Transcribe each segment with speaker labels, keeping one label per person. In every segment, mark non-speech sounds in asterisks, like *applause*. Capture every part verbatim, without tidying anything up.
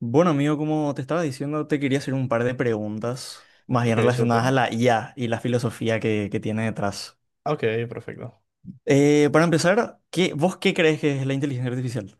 Speaker 1: Bueno, amigo, como te estaba diciendo, te quería hacer un par de preguntas más bien
Speaker 2: Ok,
Speaker 1: relacionadas a
Speaker 2: súper.
Speaker 1: la I A y la filosofía que, que tiene detrás.
Speaker 2: Ok, perfecto.
Speaker 1: Eh, para empezar, ¿qué, vos qué crees que es la inteligencia artificial?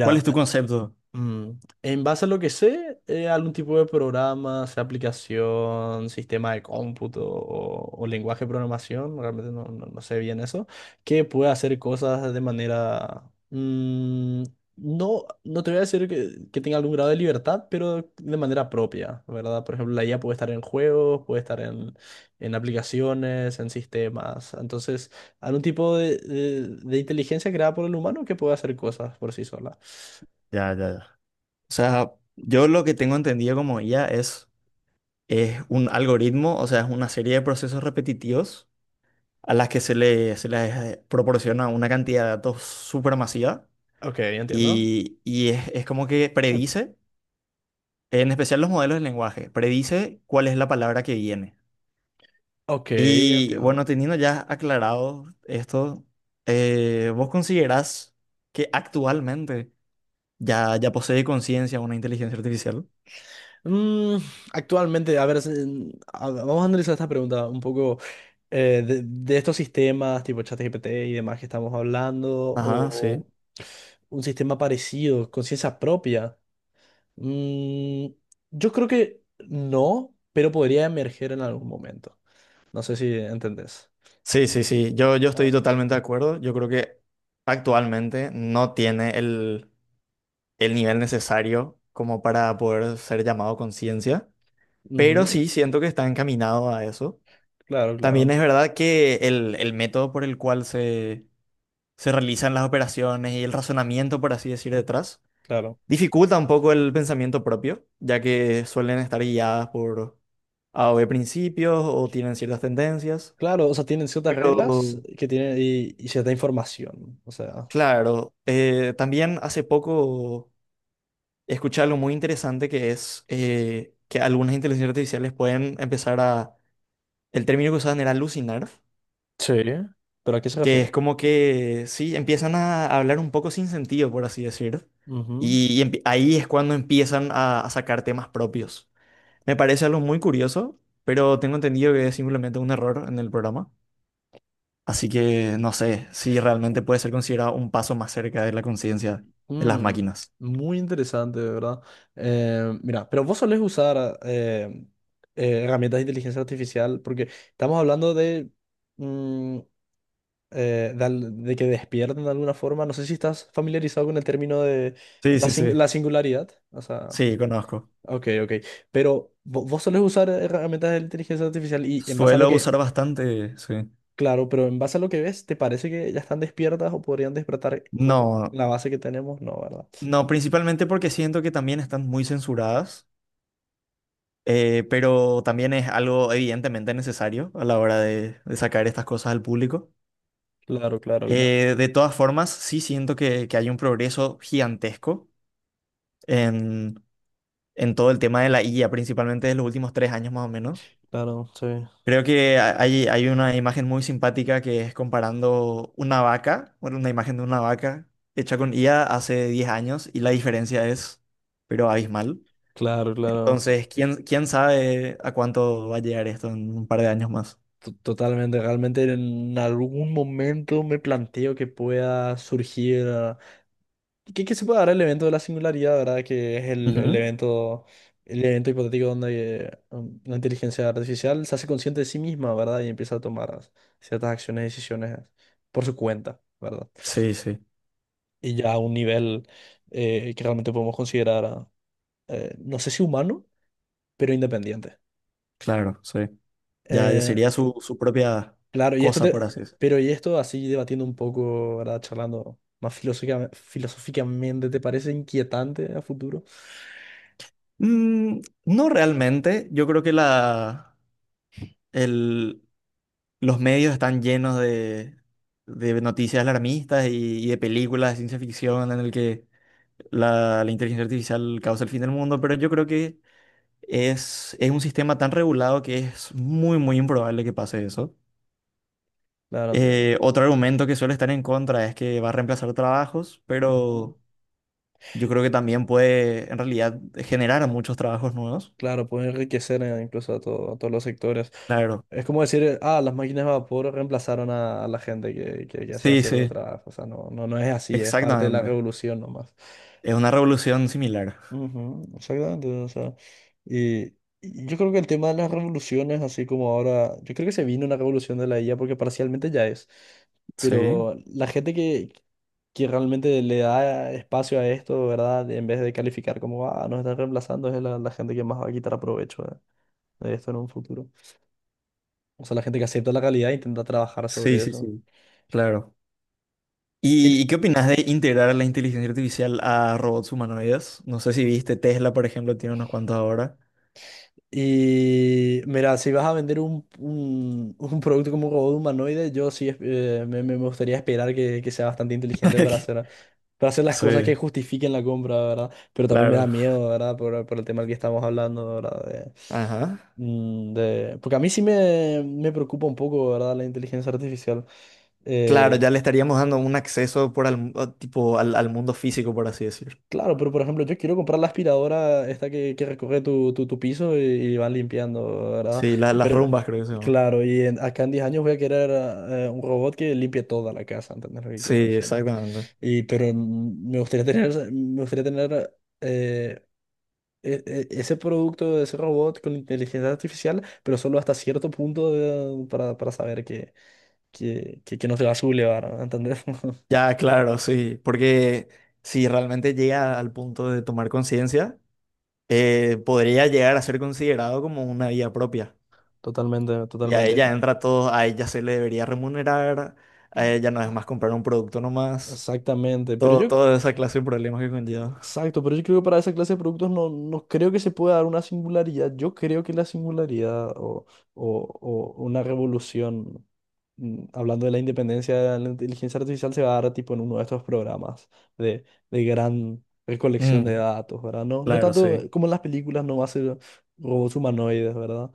Speaker 1: ¿Cuál es tu concepto?
Speaker 2: Mm, En base a lo que sé, eh, algún tipo de programa, sea aplicación, sistema de cómputo o, o lenguaje de programación, realmente no, no- no sé bien eso, que puede hacer cosas de manera... mm, no, no te voy a decir que, que tenga algún grado de libertad, pero de manera propia, ¿verdad? Por ejemplo, la I A puede estar en juegos, puede estar en, en aplicaciones, en sistemas. Entonces, algún tipo de, de de inteligencia creada por el humano que puede hacer cosas por sí sola.
Speaker 1: Ya, ya, ya. O sea, yo lo que tengo entendido como I A es, es un algoritmo, o sea, es una serie de procesos repetitivos a las que se le, se les eh, proporciona una cantidad de datos supermasiva
Speaker 2: Ok, entiendo.
Speaker 1: y, y es, es como que predice. En especial los modelos de lenguaje, predice cuál es la palabra que viene.
Speaker 2: Ok,
Speaker 1: Y bueno,
Speaker 2: entiendo.
Speaker 1: teniendo ya aclarado esto, eh, ¿vos considerás que actualmente ya, ya posee conciencia una inteligencia artificial?
Speaker 2: Mm, actualmente, a ver, es, mm, a- vamos a analizar esta pregunta un poco eh, de, de estos sistemas tipo ChatGPT y demás que estamos hablando,
Speaker 1: Ajá, sí.
Speaker 2: o un sistema parecido, conciencia propia. Mm, yo creo que no, pero podría emerger en algún momento. ¿No sé si entendés?
Speaker 1: Sí, sí, sí, yo, yo estoy
Speaker 2: Ah.
Speaker 1: totalmente de acuerdo. Yo creo que actualmente no tiene el, el nivel necesario como para poder ser llamado conciencia, pero
Speaker 2: Ujú.
Speaker 1: sí siento que está encaminado a eso.
Speaker 2: Claro, claro,
Speaker 1: También
Speaker 2: ent-
Speaker 1: es verdad que el, el método por el cual se, se realizan las operaciones y el razonamiento, por así decir, detrás,
Speaker 2: claro.
Speaker 1: dificulta un poco el pensamiento propio, ya que suelen estar guiadas por A o B principios o tienen ciertas tendencias.
Speaker 2: Claro, o sea, tienen ciertas
Speaker 1: Pero,
Speaker 2: reglas que tienen y, y cierta información. O sea.
Speaker 1: claro, eh, también hace poco escuché algo muy interesante que es eh, que algunas inteligencias artificiales pueden empezar a, el término que usaban era alucinar,
Speaker 2: Sí, pero ¿a qué se
Speaker 1: que es
Speaker 2: refiere?
Speaker 1: como que, sí, empiezan a hablar un poco sin sentido, por así decir,
Speaker 2: Ujú.
Speaker 1: y, empi- ahí es cuando empiezan a, a sacar temas propios. Me parece algo muy curioso, pero tengo entendido que es simplemente un error en el programa, así que no sé si realmente puede ser considerado un paso más cerca de la conciencia de las
Speaker 2: Mm,
Speaker 1: máquinas.
Speaker 2: muy interesante, de verdad. Eh, mira, pero vos solés usar eh, eh, herramientas de inteligencia artificial porque estamos hablando de, mm, eh, de, al- de que despierten de alguna forma. No sé si estás familiarizado con el término de
Speaker 1: Sí,
Speaker 2: la,
Speaker 1: sí,
Speaker 2: sin-
Speaker 1: sí.
Speaker 2: la singularidad. O sea,
Speaker 1: Sí, conozco.
Speaker 2: ok, ok. Pero vo- vos solés usar herramientas de inteligencia artificial y en base a lo
Speaker 1: Suelo
Speaker 2: que
Speaker 1: usar bastante, sí.
Speaker 2: claro, pero en base a lo que ves, ¿te parece que ya están despiertas o podrían despertar con
Speaker 1: No,
Speaker 2: la base que tenemos? No, ¿verdad?
Speaker 1: no, principalmente porque siento que también están muy censuradas. Eh, pero también es algo evidentemente necesario a la hora de, de sacar estas cosas al público.
Speaker 2: Claro, claro, claro,
Speaker 1: Eh, de todas formas, sí siento que, que hay un progreso gigantesco en, en todo el tema de la I A, principalmente en los últimos tres años más o menos.
Speaker 2: claro, sí.
Speaker 1: Creo que ha- hay, hay una imagen muy simpática que es comparando una vaca, bueno, una imagen de una vaca hecha con I A hace diez años y la diferencia es, pero abismal.
Speaker 2: Claro, claro.
Speaker 1: Entonces, ¿quién, quién sabe a cuánto va a llegar esto en un par de años más?
Speaker 2: To- Totalmente, realmente en algún momento me planteo que pueda surgir, ah, que, que se pueda dar el evento de la singularidad, ¿verdad? Que es el, el
Speaker 1: Ujú.
Speaker 2: evento, el evento hipotético donde eh, um, la inteligencia artificial se hace consciente de sí misma, ¿verdad? Y empieza a tomar ciertas acciones y decisiones por su cuenta, ¿verdad?
Speaker 1: Sí, sí,
Speaker 2: Y ya a un nivel eh, que realmente podemos considerar, eh, no sé si humano, pero independiente.
Speaker 1: claro, sí. Ya, ya
Speaker 2: Eh,
Speaker 1: sería su, su propia
Speaker 2: claro, y esto
Speaker 1: cosa,
Speaker 2: te-
Speaker 1: por así decirlo.
Speaker 2: pero y esto así debatiendo un poco, ¿verdad? Charlando más filosófica- filosóficamente, ¿te parece inquietante a futuro?
Speaker 1: Mm, no realmente. Yo creo que la, el, los medios están llenos de, de noticias alarmistas y, y de películas de ciencia ficción en el que la, la inteligencia artificial causa el fin del mundo, pero yo creo que es, es un sistema tan regulado que es muy, muy improbable que pase eso.
Speaker 2: Claro, entiendo.
Speaker 1: Eh, otro argumento que suele estar en contra es que va a reemplazar trabajos,
Speaker 2: Ujú.
Speaker 1: pero yo creo que también puede en realidad generar muchos trabajos nuevos.
Speaker 2: Claro, puede enriquecer eh, incluso a, todo- a todos los sectores.
Speaker 1: Claro.
Speaker 2: Es como decir, eh, ah, las máquinas de vapor reemplazaron a, a la gente que, que, que hacía
Speaker 1: Sí,
Speaker 2: ciertos
Speaker 1: sí,
Speaker 2: trabajos. O sea, no, no, no es así, es parte de la
Speaker 1: exactamente.
Speaker 2: revolución nomás.
Speaker 1: Es una revolución similar.
Speaker 2: Ujú, exactamente, o sea, y, y yo creo que el tema de las revoluciones, así como ahora, yo creo que se vino una revolución de la I A porque parcialmente ya es,
Speaker 1: Sí,
Speaker 2: pero la gente que, que realmente le da espacio a esto, ¿verdad? En vez de calificar como, ah, nos están reemplazando, es la, la gente que más va a quitar provecho de, de esto en un futuro. O sea, la gente que acepta la realidad e intenta trabajar
Speaker 1: sí,
Speaker 2: sobre
Speaker 1: sí,
Speaker 2: eso.
Speaker 1: sí. Claro.
Speaker 2: Y
Speaker 1: ¿Y, y qué opinas de integrar la inteligencia artificial a robots humanoides? No sé si viste Tesla, por ejemplo, tiene unos cuantos ahora.
Speaker 2: y mira, si vas a vender un, un, *laughs* un producto como un robot humanoide, yo sí eh, me, me gustaría esperar que, que sea bastante inteligente para hacer,
Speaker 1: *laughs*
Speaker 2: para hacer las
Speaker 1: Sí,
Speaker 2: cosas que justifiquen la compra, ¿verdad? Pero también me da
Speaker 1: claro.
Speaker 2: miedo, ¿verdad? Por, por el tema del que estamos hablando, ¿verdad? De-
Speaker 1: Ajá.
Speaker 2: mm, de- porque a mí sí me, me preocupa un poco, ¿verdad? La inteligencia artificial.
Speaker 1: Claro,
Speaker 2: Eh,
Speaker 1: ya le estaríamos dando un acceso por al, o tipo, al, al mundo físico, por así decir.
Speaker 2: Claro, pero por ejemplo, yo quiero comprar la aspiradora esta que, que recoge tu, tu, tu piso y, y va limpiando, ¿verdad?
Speaker 1: Sí, la- las
Speaker 2: Pero,
Speaker 1: rumbas creo que se llama.
Speaker 2: claro, y en- acá en diez años voy a querer eh, un robot que limpie toda la casa, ¿entendés lo que
Speaker 1: Sí,
Speaker 2: quiero decir, no?
Speaker 1: exactamente.
Speaker 2: Y, pero mm, me gustaría tener, esa- me gustaría tener eh, e- e- ese producto, ese robot con inteligencia artificial, pero solo hasta cierto punto de- para, para saber que, que, que, que no se va a sublevar, ¿entendés? *laughs*
Speaker 1: Ya, claro, sí, porque si realmente llega al punto de tomar conciencia, eh, podría llegar a ser considerado como una vía propia.
Speaker 2: Totalmente,
Speaker 1: Y a
Speaker 2: totalmente.
Speaker 1: ella entra todo, a ella se le debería remunerar, a ella no es más comprar un producto nomás,
Speaker 2: Exactamente, pero
Speaker 1: todo,
Speaker 2: yo
Speaker 1: toda esa clase de problemas que conlleva.
Speaker 2: exacto, pero yo creo que para esa clase de productos no, no creo que se pueda dar una singularidad. Yo creo que la singularidad o, o- o una revolución, mm, hablando de la independencia de la inteligencia artificial, se va a dar tipo en uno de estos programas de, de gran recolección de
Speaker 1: Mm,
Speaker 2: datos, ¿verdad? No, no
Speaker 1: claro,
Speaker 2: tanto
Speaker 1: sí,
Speaker 2: como en las películas, no va a ser robots humanoides, ¿verdad?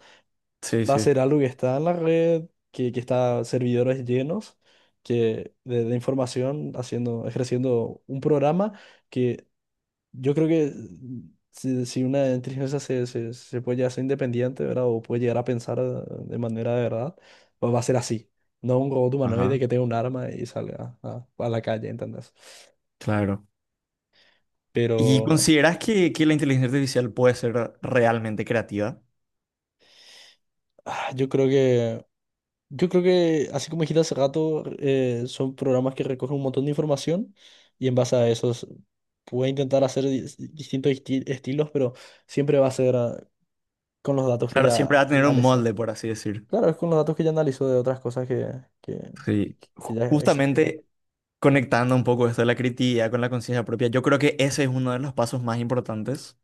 Speaker 1: sí,
Speaker 2: Va a
Speaker 1: sí,
Speaker 2: ser algo que está en la red, que, que está servidores llenos, que de, de información haciendo, ejerciendo un programa que yo creo que si, si una inteligencia se, se, se puede llegar a ser independiente, ¿verdad? O puede llegar a pensar eh, de manera de verdad, pues va a ser así. No un robot humanoide
Speaker 1: Ajá.
Speaker 2: que tenga un arma y salga a, a la calle, ¿entendés?
Speaker 1: Claro. ¿Y
Speaker 2: Pero
Speaker 1: consideras que, que la inteligencia artificial puede ser realmente creativa?
Speaker 2: ah, yo creo que, yo creo que, así como dijiste hace rato, eh, son programas que recogen un montón de información y en base a eso s- puede intentar hacer dis- distintos esti- estilos, pero siempre va a ser ah, con los datos que
Speaker 1: Claro,
Speaker 2: ya
Speaker 1: siempre va a tener un
Speaker 2: analizó.
Speaker 1: molde, por así decir.
Speaker 2: Claro, es con los datos que ya analizó de otras cosas que, que, que-
Speaker 1: Sí,
Speaker 2: que
Speaker 1: ju-
Speaker 2: ya existieron.
Speaker 1: justamente conectando un poco esto de la creatividad con la conciencia propia, yo creo que ese es uno de los pasos más importantes,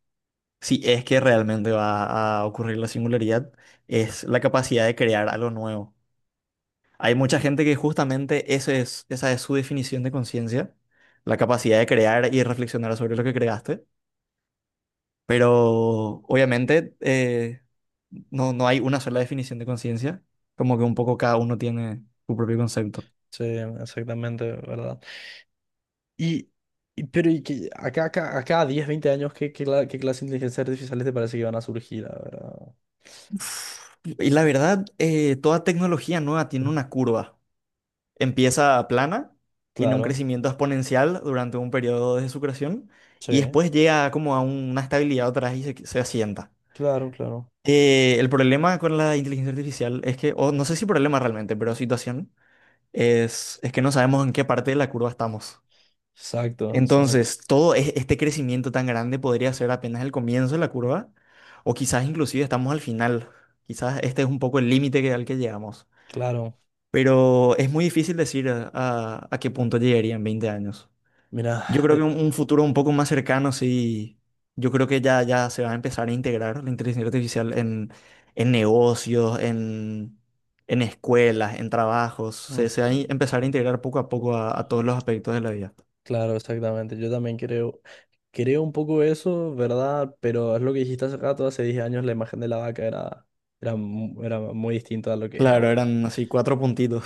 Speaker 1: si es que realmente va a ocurrir la singularidad, es la capacidad de crear algo nuevo. Hay mucha gente que justamente eso es, esa es su definición de conciencia, la capacidad de crear y reflexionar sobre lo que creaste, pero obviamente eh, no, no hay una sola definición de conciencia, como que un poco cada uno tiene su propio concepto.
Speaker 2: Sí, exactamente, ¿verdad? Y, y- pero y que acá, acá, acá a diez veinte años, ¿qué, qué, cla- ¿qué clase de inteligencia artificiales te parece que van a surgir, la verdad?
Speaker 1: Y la verdad, eh, toda tecnología nueva tiene una curva. Empieza plana, tiene un
Speaker 2: Claro,
Speaker 1: crecimiento exponencial durante un periodo de su creación
Speaker 2: sí,
Speaker 1: y después llega como a una estabilidad otra vez y se, se asienta.
Speaker 2: claro, claro.
Speaker 1: Eh, el problema con la inteligencia artificial es que, o no sé si problema realmente, pero situación, es, es que no sabemos en qué parte de la curva estamos.
Speaker 2: Exacto, exacto.
Speaker 1: Entonces, todo e- este crecimiento tan grande podría ser apenas el comienzo de la curva, o quizás inclusive estamos al final. Quizás este es un poco el límite que- al que llegamos.
Speaker 2: Claro,
Speaker 1: Pero es muy difícil decir a, a- a qué punto llegaría en veinte años.
Speaker 2: mira,
Speaker 1: Yo creo que
Speaker 2: de-
Speaker 1: un, un futuro un poco más cercano, sí. Yo creo que ya, ya se va a empezar a integrar la inteligencia artificial en, en negocios, en, en escuelas, en trabajos. Se, se va a
Speaker 2: ujú,
Speaker 1: in- empezar a integrar poco a poco a a todos los aspectos de la vida.
Speaker 2: claro, exactamente. Yo también creo, creo un poco eso, ¿verdad? Pero es lo que dijiste hace rato, hace diez años la imagen de la vaca era, era, mu- era muy distinta a lo que es
Speaker 1: Claro,
Speaker 2: ahora.
Speaker 1: eran así cuatro puntitos.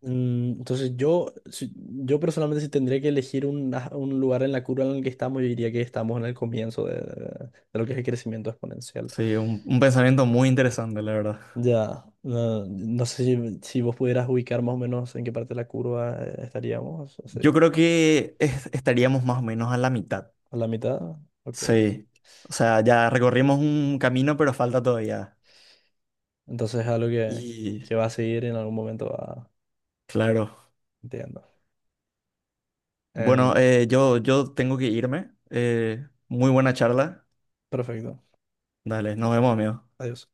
Speaker 2: Mm, entonces yo, si- yo personalmente si tendría que elegir un, ah, un lugar en la curva en el que estamos, yo diría que estamos en el comienzo de, de lo que es el crecimiento exponencial.
Speaker 1: Sí, un, un pensamiento muy interesante, la verdad.
Speaker 2: Ya, no, no sé si, si vos pudieras ubicar más o menos en qué parte de la curva eh, estaríamos, o
Speaker 1: Yo
Speaker 2: sea,
Speaker 1: creo que es- estaríamos más o menos a la mitad.
Speaker 2: a la mitad. Ok,
Speaker 1: Sí. O sea, ya recorrimos un camino, pero falta todavía.
Speaker 2: entonces es algo que,
Speaker 1: Y
Speaker 2: que va a seguir en algún momento, va,
Speaker 1: claro.
Speaker 2: entiendo.
Speaker 1: Bueno,
Speaker 2: Em,
Speaker 1: eh, yo, yo tengo que irme. Eh, muy buena charla.
Speaker 2: perfecto,
Speaker 1: Dale, nos vemos, amigo.
Speaker 2: adiós.